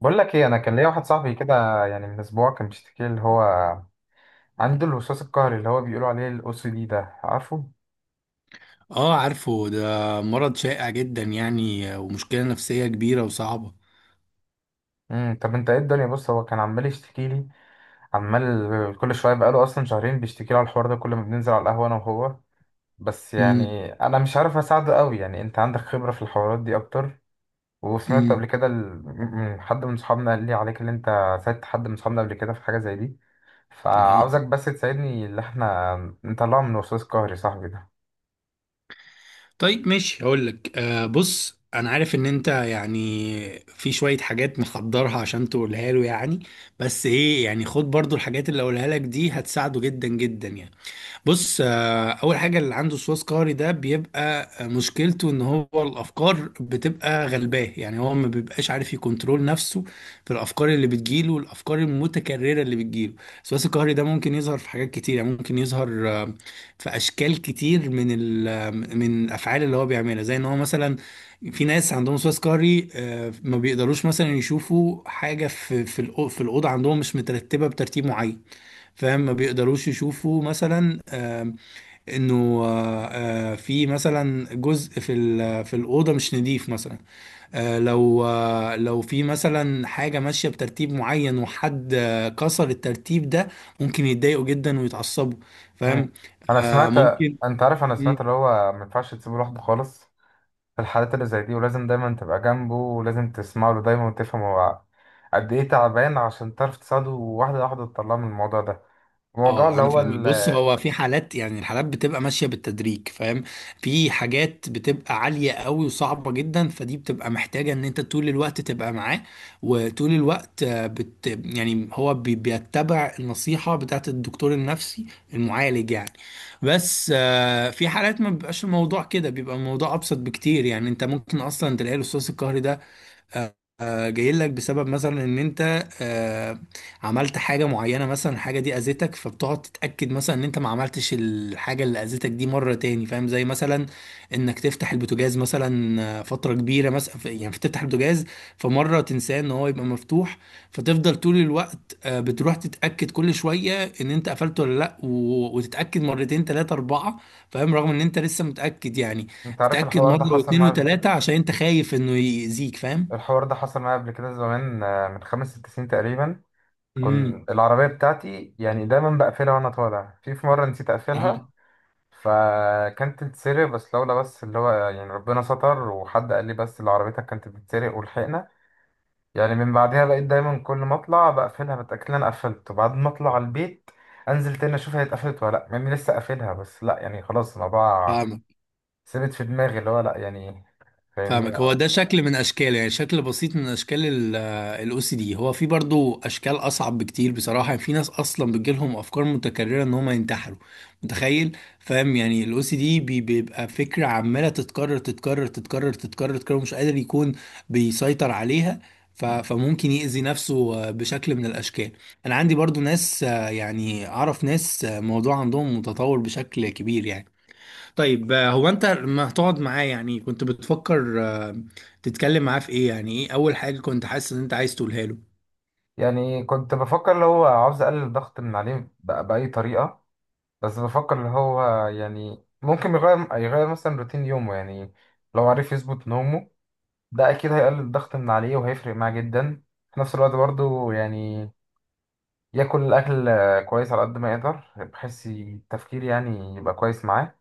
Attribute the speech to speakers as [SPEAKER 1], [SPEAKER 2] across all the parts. [SPEAKER 1] بقول لك ايه، انا كان ليا واحد صاحبي كده، يعني من اسبوع كان بيشتكي لي اللي هو عنده الوسواس القهري، اللي هو بيقولوا عليه الاو سي دي ده، عارفه؟
[SPEAKER 2] اه، عارفه ده. مرض شائع جدا يعني ومشكلة نفسية كبيرة وصعبة.
[SPEAKER 1] طب انت ايه الدنيا؟ بص، هو كان عمال يشتكي لي، عمال كل شويه، بقاله اصلا شهرين بيشتكي لي على الحوار ده كل ما بننزل على القهوه انا وهو. بس
[SPEAKER 2] امم.
[SPEAKER 1] يعني انا مش عارف اساعده قوي، يعني انت عندك خبره في الحوارات دي اكتر. وسمعت
[SPEAKER 2] امم.
[SPEAKER 1] قبل كده من حد من صحابنا قال لي عليك، اللي انت ساعدت حد من صحابنا قبل كده في حاجه زي دي،
[SPEAKER 2] اه.
[SPEAKER 1] فعاوزك بس تساعدني اللي احنا نطلعه من الوسواس القهري صاحبي ده.
[SPEAKER 2] طيب، ماشي، هقول لك. بص، انا عارف ان انت يعني في شوية حاجات محضرها عشان تقولها له يعني. بس ايه، يعني خد برضو الحاجات اللي اقولها لك دي، هتساعده جدا جدا يعني. بص، اول حاجه اللي عنده وسواس قهري ده بيبقى، مشكلته ان هو الافكار بتبقى غلباه، يعني هو ما بيبقاش عارف يكنترول نفسه في الافكار اللي بتجيله والافكار المتكرره اللي بتجيله. الوسواس القهري ده ممكن يظهر في حاجات كتير، يعني ممكن يظهر في اشكال كتير من ال آه، من الافعال اللي هو بيعملها. زي ان هو مثلا في ناس عندهم وسواس قهري ما بيقدروش مثلا يشوفوا حاجه في في الاوضه عندهم مش مترتبه بترتيب معين. فاهم؟ ما بيقدروش يشوفوا مثلا، انه، في مثلا جزء في الاوضه مش نظيف مثلا. لو، لو في مثلا حاجه ماشيه بترتيب معين وحد كسر الترتيب ده، ممكن يتضايقوا جدا ويتعصبوا.
[SPEAKER 1] مم.
[SPEAKER 2] فاهم؟
[SPEAKER 1] انا سمعت.
[SPEAKER 2] ممكن.
[SPEAKER 1] انت عارف، انا سمعت اللي هو ما ينفعش تسيبه لوحده خالص في الحالات اللي زي دي، ولازم دايما تبقى جنبه، ولازم تسمع له دايما، وتفهم هو قد ايه تعبان عشان تعرف تساعده واحده واحده تطلعه من الموضوع ده، الموضوع
[SPEAKER 2] اه،
[SPEAKER 1] اللي
[SPEAKER 2] انا
[SPEAKER 1] هو.
[SPEAKER 2] فاهمك. بص، هو في حالات، يعني الحالات بتبقى ماشيه بالتدريج، فاهم؟ في حاجات بتبقى عاليه قوي وصعبه جدا، فدي بتبقى محتاجه ان انت طول الوقت تبقى معاه، وطول الوقت يعني هو بيتبع النصيحه بتاعت الدكتور النفسي، المعالج يعني. بس في حالات ما بيبقاش الموضوع كده، بيبقى الموضوع ابسط بكتير، يعني انت ممكن اصلا تلاقي الاستاذ القهري ده جاي لك بسبب مثلا ان انت عملت حاجه معينه، مثلا الحاجه دي اذتك، فبتقعد تتاكد مثلا ان انت ما عملتش الحاجه اللي اذتك دي مره تاني. فاهم؟ زي مثلا انك تفتح البوتاجاز مثلا فتره كبيره، مثلا يعني تفتح البوتاجاز، فمره تنساه ان هو يبقى مفتوح، فتفضل طول الوقت بتروح تتاكد كل شويه ان انت قفلته ولا لا، وتتاكد مرتين، ثلاثه، اربعه. فاهم؟ رغم ان انت لسه متاكد يعني،
[SPEAKER 1] انت عارف،
[SPEAKER 2] تتاكد مره واثنين وثلاثه عشان انت خايف انه يأذيك. فاهم؟
[SPEAKER 1] الحوار ده حصل معايا قبل كده زمان، من خمس ست سنين تقريبا.
[SPEAKER 2] امم.
[SPEAKER 1] كنت العربيه بتاعتي يعني دايما بقفلها وانا طالع، في مره نسيت اقفلها، فكانت تتسرق، بس لولا اللي هو يعني ربنا ستر وحد قال لي، بس اللي عربيتك كانت بتتسرق ولحقنا. يعني من بعدها بقيت دايما كل ما اطلع بقفلها بتأكد إن انا قفلت، وبعد ما اطلع البيت انزل تاني اشوف هي اتقفلت ولا لا، يعني لسه قافلها، بس لا يعني خلاص، الموضوع
[SPEAKER 2] فاهمك.
[SPEAKER 1] ثبت في دماغي اللي هو لا، يعني فاهمني.
[SPEAKER 2] فاهمك، هو
[SPEAKER 1] آه.
[SPEAKER 2] ده شكل من اشكال، يعني شكل بسيط من اشكال الاو سي دي. هو في برضو اشكال اصعب بكتير بصراحه، يعني في ناس اصلا بتجيلهم افكار متكرره ان هم ينتحروا. متخيل؟ فاهم، يعني الاو سي دي بيبقى فكره عماله تتكرر، تتكرر، تتكرر، تتكرر، تتكرر، مش قادر يكون بيسيطر عليها. فممكن يأذي نفسه بشكل من الاشكال. انا عندي برضو ناس، يعني اعرف ناس موضوع عندهم متطور بشكل كبير يعني. طيب، هو انت لما هتقعد معاه، يعني كنت بتفكر تتكلم معاه في ايه؟ يعني ايه اول حاجة كنت حاسس ان انت عايز تقولها له؟
[SPEAKER 1] يعني كنت بفكر اللي هو عاوز اقلل الضغط من عليه بأي طريقة. بس بفكر اللي هو يعني ممكن يغير مثلا روتين يومه، يعني لو عرف يظبط نومه ده اكيد هيقلل الضغط من عليه وهيفرق معاه جدا. في نفس الوقت برضه، يعني ياكل الاكل كويس على قد ما يقدر، بحيث التفكير يعني يبقى كويس معاه.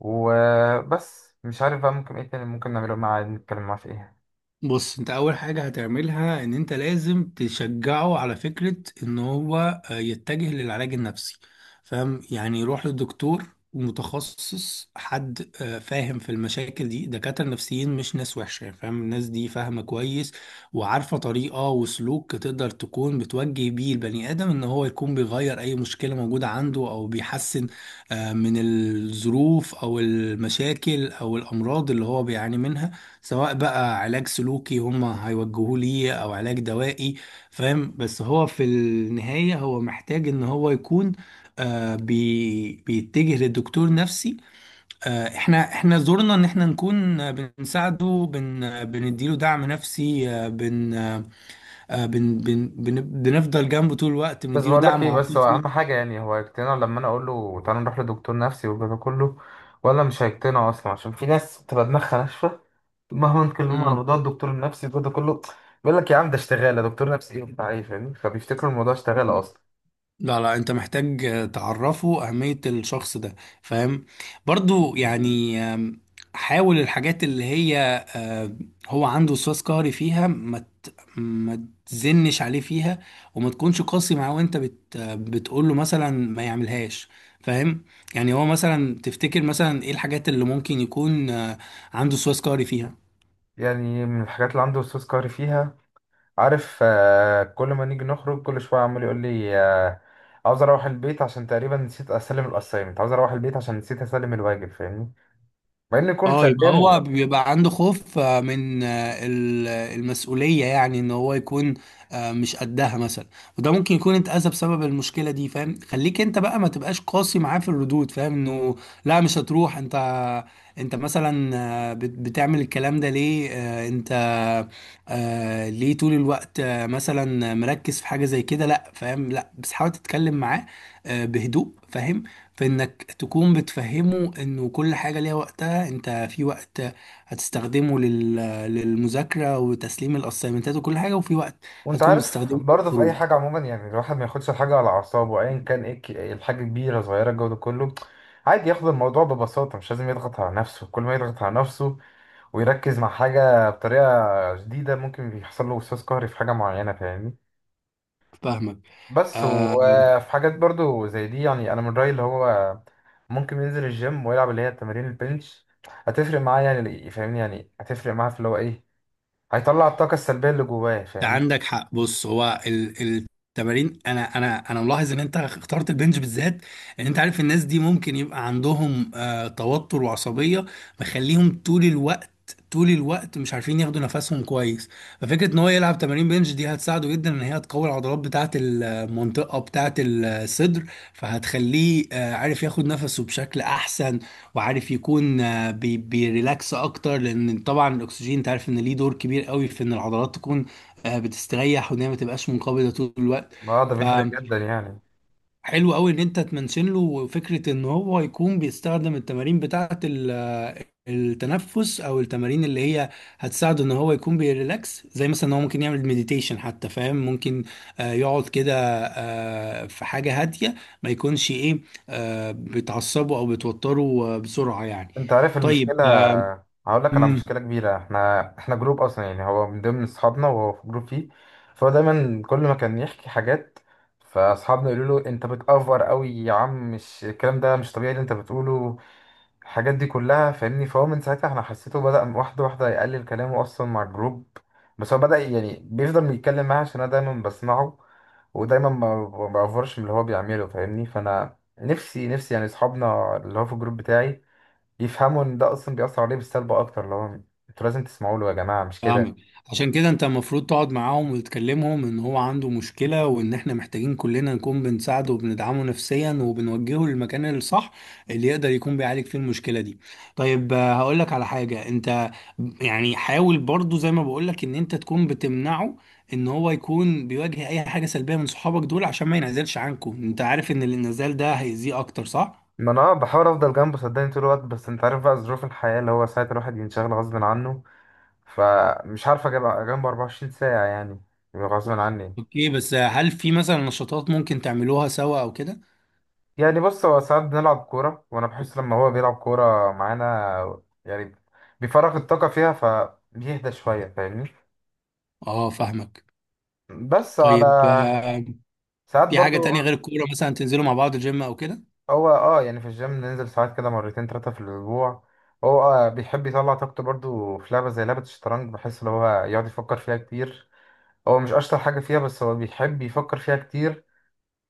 [SPEAKER 1] وبس مش عارف بقى ممكن ايه تاني ممكن نعمله معاه، نتكلم معاه في ايه؟
[SPEAKER 2] بص، انت اول حاجة هتعملها ان انت لازم تشجعه على فكرة ان هو يتجه للعلاج النفسي. فاهم؟ يعني يروح للدكتور، متخصص، حد فاهم في المشاكل دي. دكاترة نفسيين مش ناس وحشة، فاهم؟ الناس دي فاهمة كويس وعارفة طريقة وسلوك تقدر تكون بتوجه بيه البني آدم ان هو يكون بيغير اي مشكلة موجودة عنده، او بيحسن من الظروف او المشاكل او الامراض اللي هو بيعاني منها، سواء بقى علاج سلوكي هم هيوجهوه ليه او علاج دوائي. فاهم؟ بس هو في النهاية هو محتاج ان هو يكون آه بي بيتجه لدكتور نفسي. احنا زورنا ان احنا نكون بنساعده، بن آه، بنديله دعم نفسي، بن بن بن بنفضل جنبه طول الوقت،
[SPEAKER 1] بس
[SPEAKER 2] بنديله
[SPEAKER 1] بقول لك
[SPEAKER 2] دعم
[SPEAKER 1] ايه، بس هو
[SPEAKER 2] عاطفي.
[SPEAKER 1] اهم حاجه، يعني هو هيقتنع لما انا اقول له تعالى نروح لدكتور نفسي والجو ده كله، ولا مش هيقتنع اصلا؟ عشان في ناس بتبقى دماغها ناشفه، مهما نتكلم عن
[SPEAKER 2] مم.
[SPEAKER 1] موضوع الدكتور النفسي والجو ده كله، بيقول لك يا عم، ده اشتغاله دكتور نفسي ايه وبتاع ايه؟ فاهمني، فبيفتكروا الموضوع اشتغاله اصلا.
[SPEAKER 2] لا، لا، انت محتاج تعرفه اهمية الشخص ده. فاهم؟ برضو يعني، حاول الحاجات اللي هي آه، هو عنده وسواس قهري فيها، ما تزنش عليه فيها، وما تكونش قاسي معاه وانت بتقول له مثلا ما يعملهاش. فاهم؟ يعني هو مثلا، تفتكر مثلا ايه الحاجات اللي ممكن يكون عنده وسواس قهري فيها؟
[SPEAKER 1] يعني من الحاجات اللي عنده وسواس قهري فيها، عارف، كل ما نيجي نخرج كل شوية عمال يقول لي، عاوز اروح البيت عشان تقريبا نسيت اسلم الاسايمنت، عاوز اروح البيت عشان نسيت اسلم الواجب، فاهمني، مع انه يكون
[SPEAKER 2] اه، يبقى هو
[SPEAKER 1] سلمه.
[SPEAKER 2] بيبقى عنده خوف من ال- المسؤولية، يعني ان هو يكون مش قدها مثلا. وده ممكن يكون اتأذى بسبب المشكلة دي. فاهم؟ خليك انت بقى ما تبقاش قاسي معاه في الردود. فاهم؟ انه: لا، مش هتروح انت، انت مثلا بتعمل الكلام ده ليه؟ انت ليه طول الوقت مثلا مركز في حاجة زي كده؟ لا، فاهم؟ لا، بس حاول تتكلم معاه بهدوء. فاهم؟ في انك تكون بتفهمه انه كل حاجة ليها وقتها. انت في وقت هتستخدمه لل للمذاكرة وتسليم الاسايمنتات وكل حاجة، وفي وقت
[SPEAKER 1] وانت
[SPEAKER 2] هتكون
[SPEAKER 1] عارف
[SPEAKER 2] بتستخدمه
[SPEAKER 1] برضه، في اي
[SPEAKER 2] للخروج.
[SPEAKER 1] حاجه عموما، يعني الواحد ما ياخدش الحاجه على اعصابه ايا كان، ايه الحاجه كبيره صغيره الجو ده كله، عادي ياخد الموضوع ببساطه، مش لازم يضغط على نفسه، كل ما يضغط على نفسه ويركز مع حاجه بطريقه جديده ممكن بيحصل له وسواس قهري في حاجه معينه، فاهمني.
[SPEAKER 2] فاهمك.
[SPEAKER 1] بس
[SPEAKER 2] آه
[SPEAKER 1] وفي حاجات برضو زي دي، يعني انا من رايي، اللي هو ممكن ينزل الجيم ويلعب اللي هي تمارين البنش، هتفرق معاه يعني، فاهمني، يعني هتفرق معاه في اللي هو ايه، هيطلع الطاقه السلبيه اللي جواه، فاهمني.
[SPEAKER 2] عندك حق. بص، هو التمارين، انا ملاحظ ان انت اخترت البنج بالذات، ان انت عارف الناس دي ممكن يبقى عندهم توتر وعصبيه مخليهم طول الوقت، طول الوقت مش عارفين ياخدوا نفسهم كويس. ففكره ان هو يلعب تمارين بنج دي هتساعده جدا، ان هي تقوي العضلات بتاعه المنطقه بتاعه الصدر، فهتخليه عارف ياخد نفسه بشكل احسن، وعارف يكون بيريلاكس اكتر، لان طبعا الاكسجين انت عارف ان ليه دور كبير قوي في ان العضلات تكون بتستريح، وان هي ما تبقاش منقبضه طول الوقت.
[SPEAKER 1] اه، ده بيفرق
[SPEAKER 2] فحلو
[SPEAKER 1] جدا يعني.
[SPEAKER 2] قوي ان انت تمنشن له فكره ان هو يكون بيستخدم التمارين بتاعه التنفس، او التمارين اللي هي هتساعده ان هو يكون بيريلاكس، زي مثلا ان هو ممكن يعمل مديتيشن حتى. فاهم؟ ممكن يقعد كده في حاجه هاديه، ما يكونش ايه، بتعصبه او بتوتره بسرعه يعني.
[SPEAKER 1] انت عارف
[SPEAKER 2] طيب،
[SPEAKER 1] المشكله، هقول لك على مشكله كبيره، احنا جروب اصلا، يعني هو من ضمن اصحابنا وهو في جروب فيه، فهو دايما كل ما كان يحكي حاجات، فاصحابنا يقولوا له انت بتأفور قوي يا عم، مش الكلام ده مش طبيعي اللي انت بتقوله الحاجات دي كلها، فاهمني، فهو من ساعتها احنا حسيته بدأ واحدة واحدة يقلل كلامه أصلا مع الجروب. بس هو بدأ يعني بيفضل يتكلم معايا عشان أنا دايما بسمعه، ودايما ما بعفرش من اللي هو بيعمله، فاهمني، فأنا نفسي نفسي، يعني أصحابنا اللي هو في الجروب بتاعي يفهموا إن ده أصلا بيأثر عليه بالسلب أكتر، اللي هو أنتوا لازم تسمعوا له يا جماعة، مش كده؟
[SPEAKER 2] فاهمك. عشان كده انت المفروض تقعد معاهم وتكلمهم ان هو عنده مشكلة، وان احنا محتاجين كلنا نكون بنساعده وبندعمه نفسيا، وبنوجهه للمكان الصح اللي يقدر يكون بيعالج فيه المشكلة دي. طيب، هقول لك على حاجة انت. يعني حاول برضو زي ما بقول لك ان انت تكون بتمنعه ان هو يكون بيواجه اي حاجة سلبية من صحابك دول، عشان ما ينعزلش عنكم. انت عارف ان الانعزال ده هيأذيه اكتر، صح؟
[SPEAKER 1] ما أنا بحاول أفضل جنبه صدقني طول الوقت، بس أنت عارف بقى ظروف الحياة، اللي هو ساعة الواحد ينشغل غصب عنه، فمش عارف أجيب جنبه 24 ساعة يعني، غصب عني.
[SPEAKER 2] اوكي، بس هل في مثلا نشاطات ممكن تعملوها سوا او كده؟
[SPEAKER 1] يعني بص، هو ساعات بنلعب كورة وأنا بحس لما هو بيلعب كورة معانا، يعني بيفرغ الطاقة فيها فبيهدى شوية، فاهمني،
[SPEAKER 2] اه، فاهمك.
[SPEAKER 1] بس على
[SPEAKER 2] طيب،
[SPEAKER 1] ساعات
[SPEAKER 2] في حاجة
[SPEAKER 1] برضو.
[SPEAKER 2] تانية غير الكورة؟ مثلا تنزلوا مع بعض الجيم أو كده؟
[SPEAKER 1] هو اه، يعني في الجيم ننزل ساعات كده مرتين تلاتة في الأسبوع. هو بيحب يطلع طاقته برضو في لعبة زي لعبة الشطرنج، بحس إن هو يقعد يفكر فيها كتير. هو مش أشطر حاجة فيها، بس هو بيحب يفكر فيها كتير،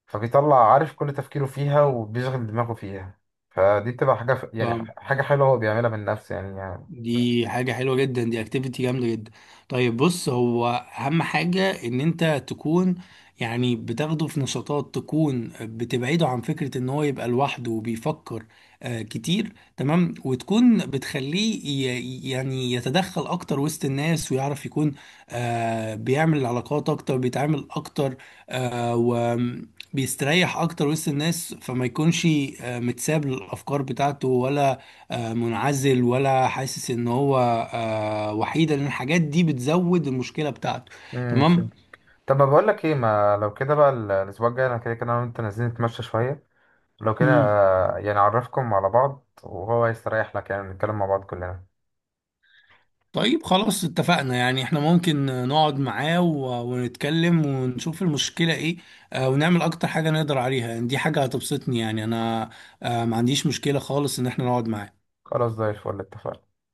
[SPEAKER 1] فبيطلع عارف كل تفكيره فيها وبيشغل دماغه فيها، فدي بتبقى حاجة،
[SPEAKER 2] ف-
[SPEAKER 1] حاجة حلوة هو بيعملها من نفسه يعني. بس.
[SPEAKER 2] دي حاجة حلوة جدا، دي اكتيفيتي جامدة جدا. طيب بص، هو أهم حاجة إن أنت تكون، يعني، بتاخده في نشاطات تكون بتبعده عن فكرة إن هو يبقى لوحده وبيفكر كتير. تمام؟ وتكون بتخليه يعني يتدخل أكتر وسط الناس، ويعرف يكون بيعمل علاقات أكتر، بيتعامل أكتر وبيستريح أكتر وسط الناس، فما يكونش متساب للأفكار بتاعته، ولا منعزل، ولا حاسس ان هو وحيد، لان الحاجات دي بتزود المشكله بتاعته. تمام.
[SPEAKER 1] فهمت. طب ما بقول لك ايه، ما لو كده بقى، الاسبوع الجاي انا كده كده انا وانت نازلين نتمشى شوية، لو كده،
[SPEAKER 2] مم.
[SPEAKER 1] يعني اعرفكم على بعض وهو هيستريح لك، يعني نتكلم مع بعض كلنا.
[SPEAKER 2] طيب، خلاص، اتفقنا، يعني احنا ممكن نقعد معاه ونتكلم ونشوف المشكله ايه، ونعمل اكتر حاجه نقدر عليها. يعني دي حاجه هتبسطني يعني، انا ما عنديش مشكله خالص ان احنا نقعد معاه.
[SPEAKER 1] خلاص، زي الفل، اتفقنا.